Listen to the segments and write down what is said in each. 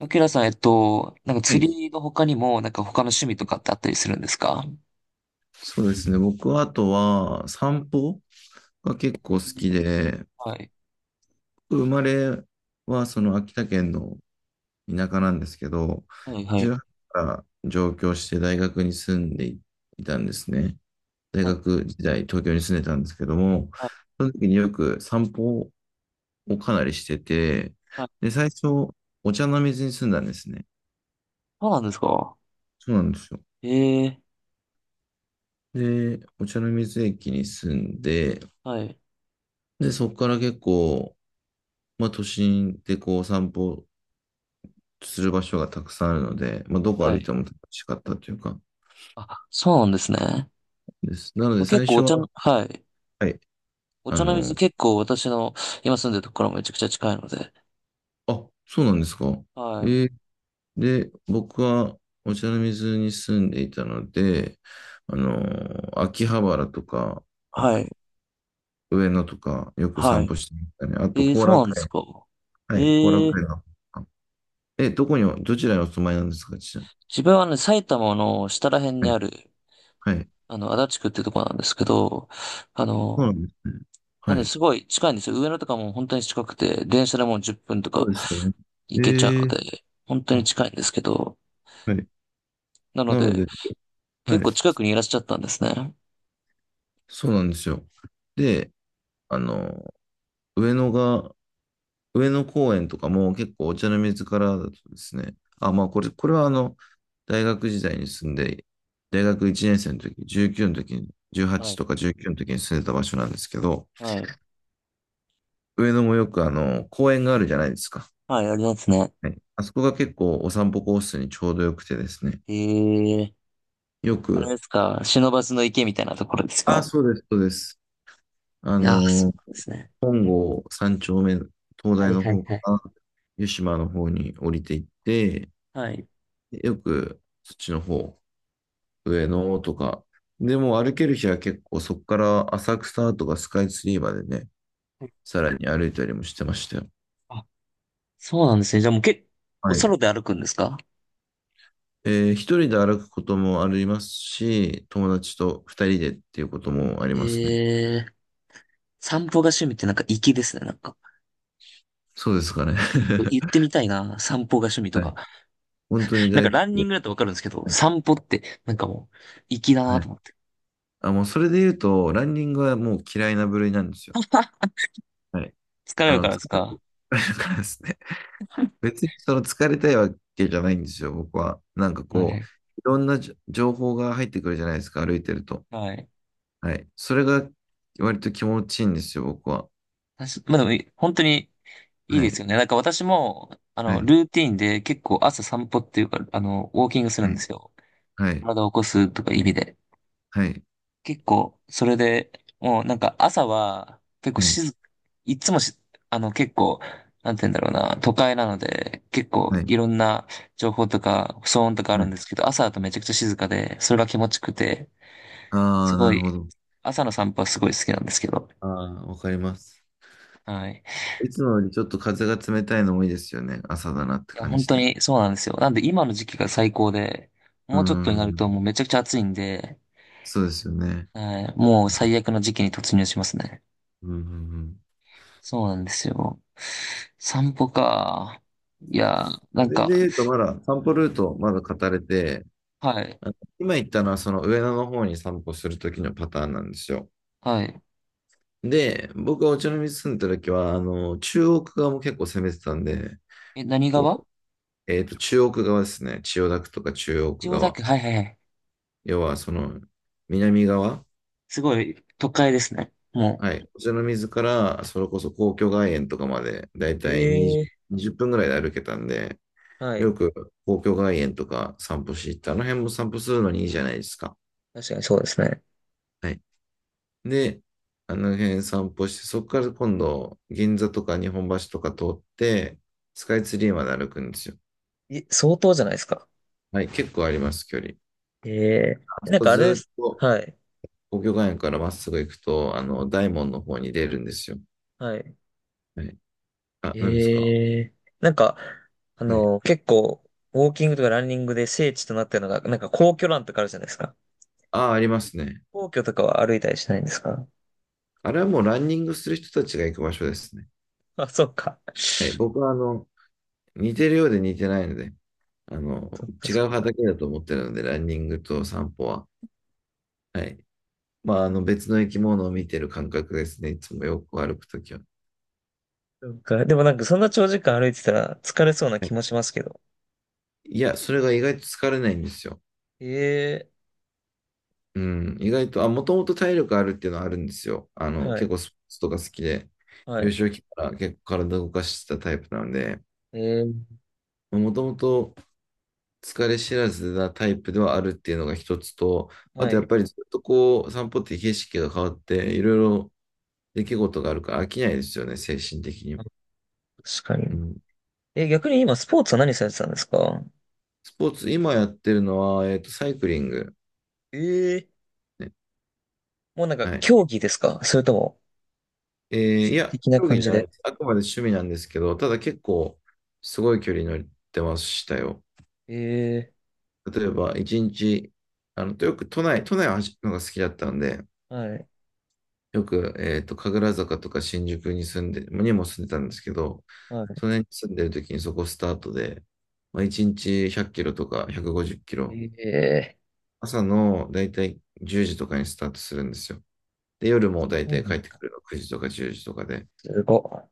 アキラさん、なんかは釣い。りの他にも、なんか他の趣味とかってあったりするんですか？そうですね。僕はあとは散歩が結え構好ーきで、はい。僕生まれはその秋田県の田舎なんですけど、はい、はい。18から上京して大学に住んでいたんですね。大はい、学時代、東京に住んでたんですけども、はい。その時によく散歩をかなりしてて、はい。で、最初、お茶の水に住んだんですね。そうなんですか？そうなんですよ。ええ。で、お茶の水駅に住んで、はい、で、そこから結構、まあ、都心でこう散歩する場所がたくさんあるので、まあ、どこは歩いい。ても楽しかったというか、あ、そうなんですね。です。なのまで、あ結最構初お茶の、は、はい。はい、おあ茶のの、水、結構私の今住んでるところもめちゃくちゃ近いので。あ、そうなんですか。はえい。ーで、僕はお茶の水に住んでいたので、あの、秋葉原とか、あはと、い。上野とか、よくは散い。歩してましたね。あと、ええ。後そうなん楽です園。か？はい、後楽ええ、園の。え、どちらにお住まいなんですか、ちな自分はね、埼玉の下ら辺みにに。ある、はい。はい。足立区っていうところなんですけど、あそうなの、んですね。なはんで、い。すごい近いんですよ。上野とかも本当に近くて、電車でもう10分とそうかですよね。え行けちゃうのー、で、本当にあ、近いんですけど、はい。なのなので、で、は結構い。近くにいらっしゃったんですね。そうなんですよ。で、あの、上野が、上野公園とかも結構お茶の水からだとですね、あ、これはあの、大学時代に住んで、大学1年生の時、19の時に、は18い、とか19の時に住んでた場所なんですけど、はい、上野もよくあの、公園があるじゃないですか。はい、ありますね。はい。あそこが結構お散歩コースにちょうどよくてですね、ええ、よあれでく、すか、忍ばずの池みたいなところですかあ、ね？そうです、そうです。あいやー、その、うなんですね。本郷三丁目、東は大い、のはい、方はかい。ら湯島の方に降りていって、はい。よくそっちの方、上野とか、でも歩ける日は結構そこから浅草とかスカイツリーまでね、さらに歩いたりもしてましたよ。あ、そうなんですね。じゃあもう結構はソい。ロで歩くんですか？一人で歩くこともありますし、友達と二人でっていうこともありますね。ええ、散歩が趣味ってなんか粋ですね。なんか、そうですかね。言ってみたいな、散歩が趣味 とはか。い。本当になんか大好ランきニンで。グだとわかるんですけど、はい。散歩って、なんかもう、粋だはなとい。思って。あ、もうそれで言うと、ランニングはもう嫌いな部類なんですよ。はい。疲れあるかの、ら疲ですれか？るからですね。別にその疲れたいわけじゃないんですよ、僕は。なんかはこう、い。いろんな情報が入ってくるじゃないですか、歩いてると。はい。はい。それが割と気持ちいいんですよ、僕は。私、まあでも、本当にいいはですい。よね。なんか私も、はい。ルーティンで結構朝散歩っていうか、ウォーキングするはんでい。すよ。はい。体を起こすとか意味で。はい。結構、それで、もうなんか朝は、結構静、いつもし、結構、なんて言うんだろうな、都会なので、結構はい。いろんな情報とか騒音とかあはるんでい。すけど、朝だとめちゃくちゃ静かで、それが気持ちよくて、あすあー、なごるい、ほど。朝の散歩はすごい好きなんですけど、ああ、わかります。はい。いつもよりちょっと風が冷たいのもいいですよね。朝だなっていや、感本じ当で。にそうなんですよ。なんで今の時期が最高で、うーもうちょっとになるん。ともうめちゃくちゃ暑いんで、そうですよね。はい、もう最悪の時期に突入しますね。うんうん。そうなんですよ。散歩か。いやー、なそんれでか、言うと、まだ散歩ルート、まだ語れて、はい、あの、今言ったのはその上野の方に散歩するときのパターンなんですよ。はい。で、僕がお茶の水住んでたときは、あの、中央区側も結構攻めてたんで、え、何川、こう、えっと、中央区側ですね。千代田区とか中央区千代田側。区、はいはいはい。要は、その、南側。すごい、都会ですね。はい。お茶の水から、それこそ皇居外苑とかまで、だいえたいえ、20、分ぐらいで歩けたんで、はい。よく皇居外苑とか散歩し行って、あの辺も散歩するのにいいじゃないですか。確かにそうですね。はい。で、あの辺散歩して、そこから今度、銀座とか日本橋とか通って、スカイツリーまで歩くんですよ。相当じゃないですか。はい、結構あります、距離。ええ、あそなんこかあれでずす。っと、はい。皇居外苑からまっすぐ行くと、あの、大門の方に出るんですよ。はい。はい。あ、何ですか？ええ、なんか、はい。結構、ウォーキングとかランニングで聖地となってるのが、なんか皇居ランとかあるじゃないですか。あ、ありますね。皇居とかは歩いたりしないんですか？あれはもうランニングする人たちが行く場所ですね。あ、そっか。はい、僕は、あの、似てるようで似てないので、あの、そっか違そっうか。畑だと思ってるので、ランニングと散歩は。はい。まあ、あの別の生き物を見てる感覚ですね。いつもよく歩くときは。そうか。でもなんかそんな長時間歩いてたら疲れそうなは気い。もしますけど。いや、それが意外と疲れないんですよ。ええ。うん。意外と、あ、もともと体力あるっていうのはあるんですよ。あの、はい。結構スポーツとか好きで、は幼い。少期から結構体動かしてたタイプなんで、ええ。もともと疲れ知らずなタイプではあるっていうのが一つと、あはとやっい。ぱりずっとこう、散歩って景色が変わって、いろいろ出来事があるから飽きないですよね、精神的に。あ、確かうに。ん。え、逆に今スポーツは何されてたんですか？スポーツ、今やってるのは、えっと、サイクリング。ええ。ね。もうなんかはい。競技ですか？それともえー趣い味や、的な競技感じじゃなで。いです。あくまで趣味なんですけど、ただ結構、すごい距離乗ってましたよ。ええ。例えば、一日、あの、よく都内を走るのが好きだったんで、はい。よく、えっと、神楽坂とか新宿に住んで、にも住んでたんですけど、そはの辺に住んでる時にそこスタートで、まあ、一日100キロとか150キロ、い。ええ、朝のだいたい10時とかにスタートするんですよ。で、夜もだいたそういな帰っんてだ。くるの9時とか10時とかで、すご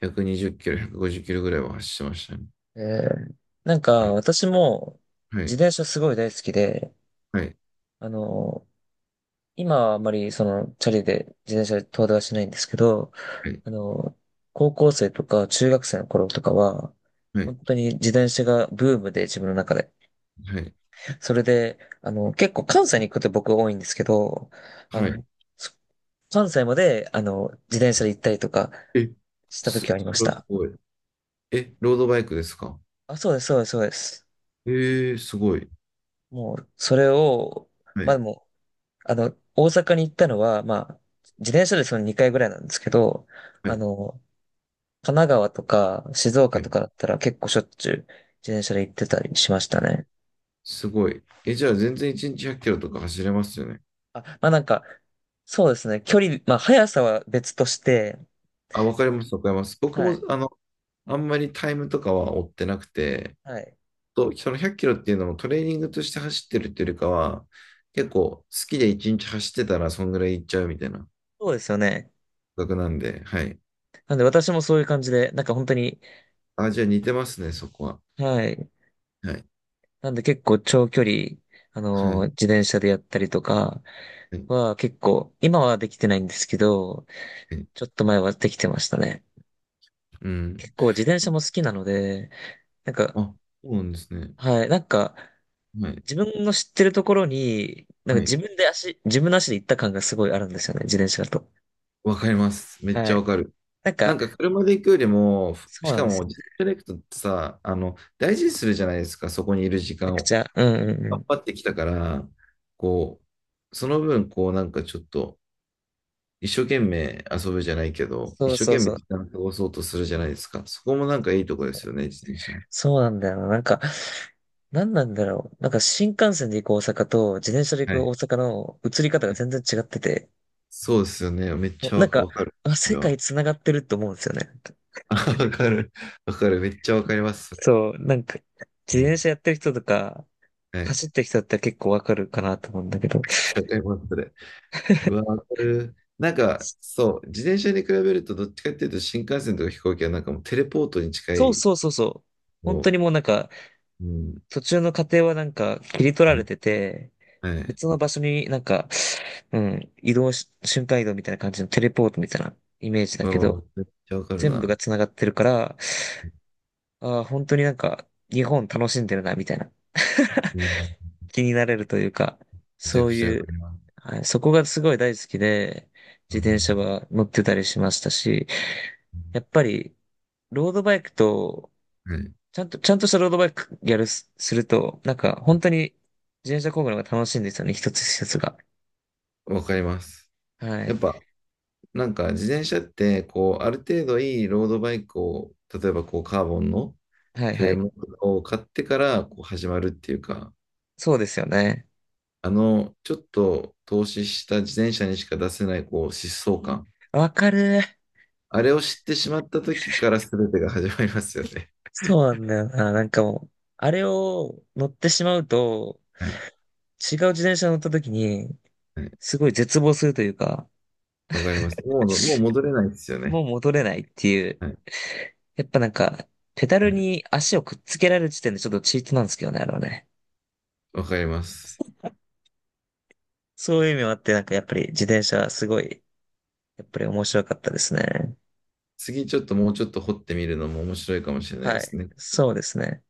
120キロ、150キロぐらいは走ってましたね。い。ええ、なんはかい、私もは自い、転車すごい大好きで、はあの、今はあまりそのチャリで自転車で遠出はしないんですけど、い、あの、高校生とか中学生の頃とかは、はい、本当に自転車がブームで自分の中で。はい、それで、結構関西に行くこと僕多いんですけど、あはい。はい。の、そ関西まで、自転車で行ったりとかえ、した時はありまそしれはすた。ごい。え、ロードバイクですか？あ、そうです、そうです、そうです。えー、すごい。もう、それを、はまあい、でも、大阪に行ったのは、まあ、自転車でその2回ぐらいなんですけど、はあい、の、神奈川とか静岡はとい。かだったら結構しょっちゅう自転車で行ってたりしましたえ、ね。すごい。え、じゃあ全然1日100キロとか走れますよね。あ、まあなんか、そうですね。距離、まあ速さは別として、あ、わかります、わかります。僕はも、い、あの、あんまりタイムとかは追ってなくて、はい。と、その100キロっていうのもトレーニングとして走ってるっていうよりかは、結構好きで1日走ってたらそんぐらい行っちゃうみたいな感そうですよね。覚なんで、はい。なんで私もそういう感じで、なんか本当に、あ、じゃあ似てますね、そこは。はい。はい。なんで結構長距離、はい。自転車でやったりとかはい。は結構、今はできてないんですけど、はい。ちょっと前はできてましたね。う結ん。構自転車も好きなので、なんか、あ、そうなんですね。はい、なんか、はい。自分の知ってるところに、なんかはい。自分の足で行った感がすごいあるんですよね、自転車だと。わかります。めっはちゃい。わかる。なんなか、んか車で行くよりも、そうしなんかですもよね。自転車で行くとさ、あの、大事にするじゃないですか、そこにいる時めちゃ間くを。ちゃ、うんうんう頑ん。張ってきたから、こう、その分、こう、なんかちょっと、一生懸命遊ぶじゃないけど、一そう生そう懸命そう。時間を過ごそうとするじゃないですか。そこもなんかいいとこでそすう、よね、自転車の。そうなんだよな。なんか、なんなんだろう。なんか新幹線で行く大阪と自転車で行はくい。大阪の移り方がはい。全然違ってて、そうですよね。めっちゃなんか、わかる。あ、そ世れ界は繋がってると思うんですよね。わかる。わかる。めっちゃわかります、それ。そう、なんか、う自ん。転車やってる人とか、はい。めっ走ってる人って結構わかるかなと思うんだけど、ちゃわかります、それ。うわ、わかる。なんか、そう、自転車に比べると、どっちかっていうと、新幹線とか飛行機はなんかもうテレポートに近そうい。そうそうそう。本当もにもうなんか、う、うん。途中の過程はなんか切り取らはれい。てて、はい。別の場所になんか、うん、移動し、瞬間移動みたいな感じのテレポートみたいなイメージだけど、めっちゃわかる全部な。が繋がってるから、ああ、本当になんか、日本楽しんでるな、みたいな。うん。気になれるというか、めちゃそくうちゃわいかう、ります。はい、そこがすごい大好きで、う自転車ん。は乗ってたりしましたし、やっぱり、ロードバイクとはい。ちゃんとしたロードバイクやるす、すると、なんか、本当に自転車工具の方が楽しいんですよね、一つ一つが。わかります。はやっい。ぱ、なんか、自転車って、こう、ある程度いいロードバイクを、例えばこう、カーボンのはいフはレーい。ムを買ってから、こう、始まるっていうか、そうですよね。あの、ちょっと投資した自転車にしか出せない、こう、疾走感。わかる。あれを知ってしまった時から全てが始まりますよね。そうなんだよな。なんかもう、あれを乗ってしまうと、はい。違う自転車乗った時に、はい。すごい絶望するというか、わかります。もう、もう戻れないですよもね。う戻れないっていう。はい。やっぱなんか、ペダルはい。に足をくっつけられる時点でちょっとチートなんですけどね、あれはね。わかります。そういう意味もあって、なんかやっぱり自転車すごい、やっぱり面白かったですね。次、ちょっともうちょっと掘ってみるのも面白いかもしれないはですい。ね。そうですね。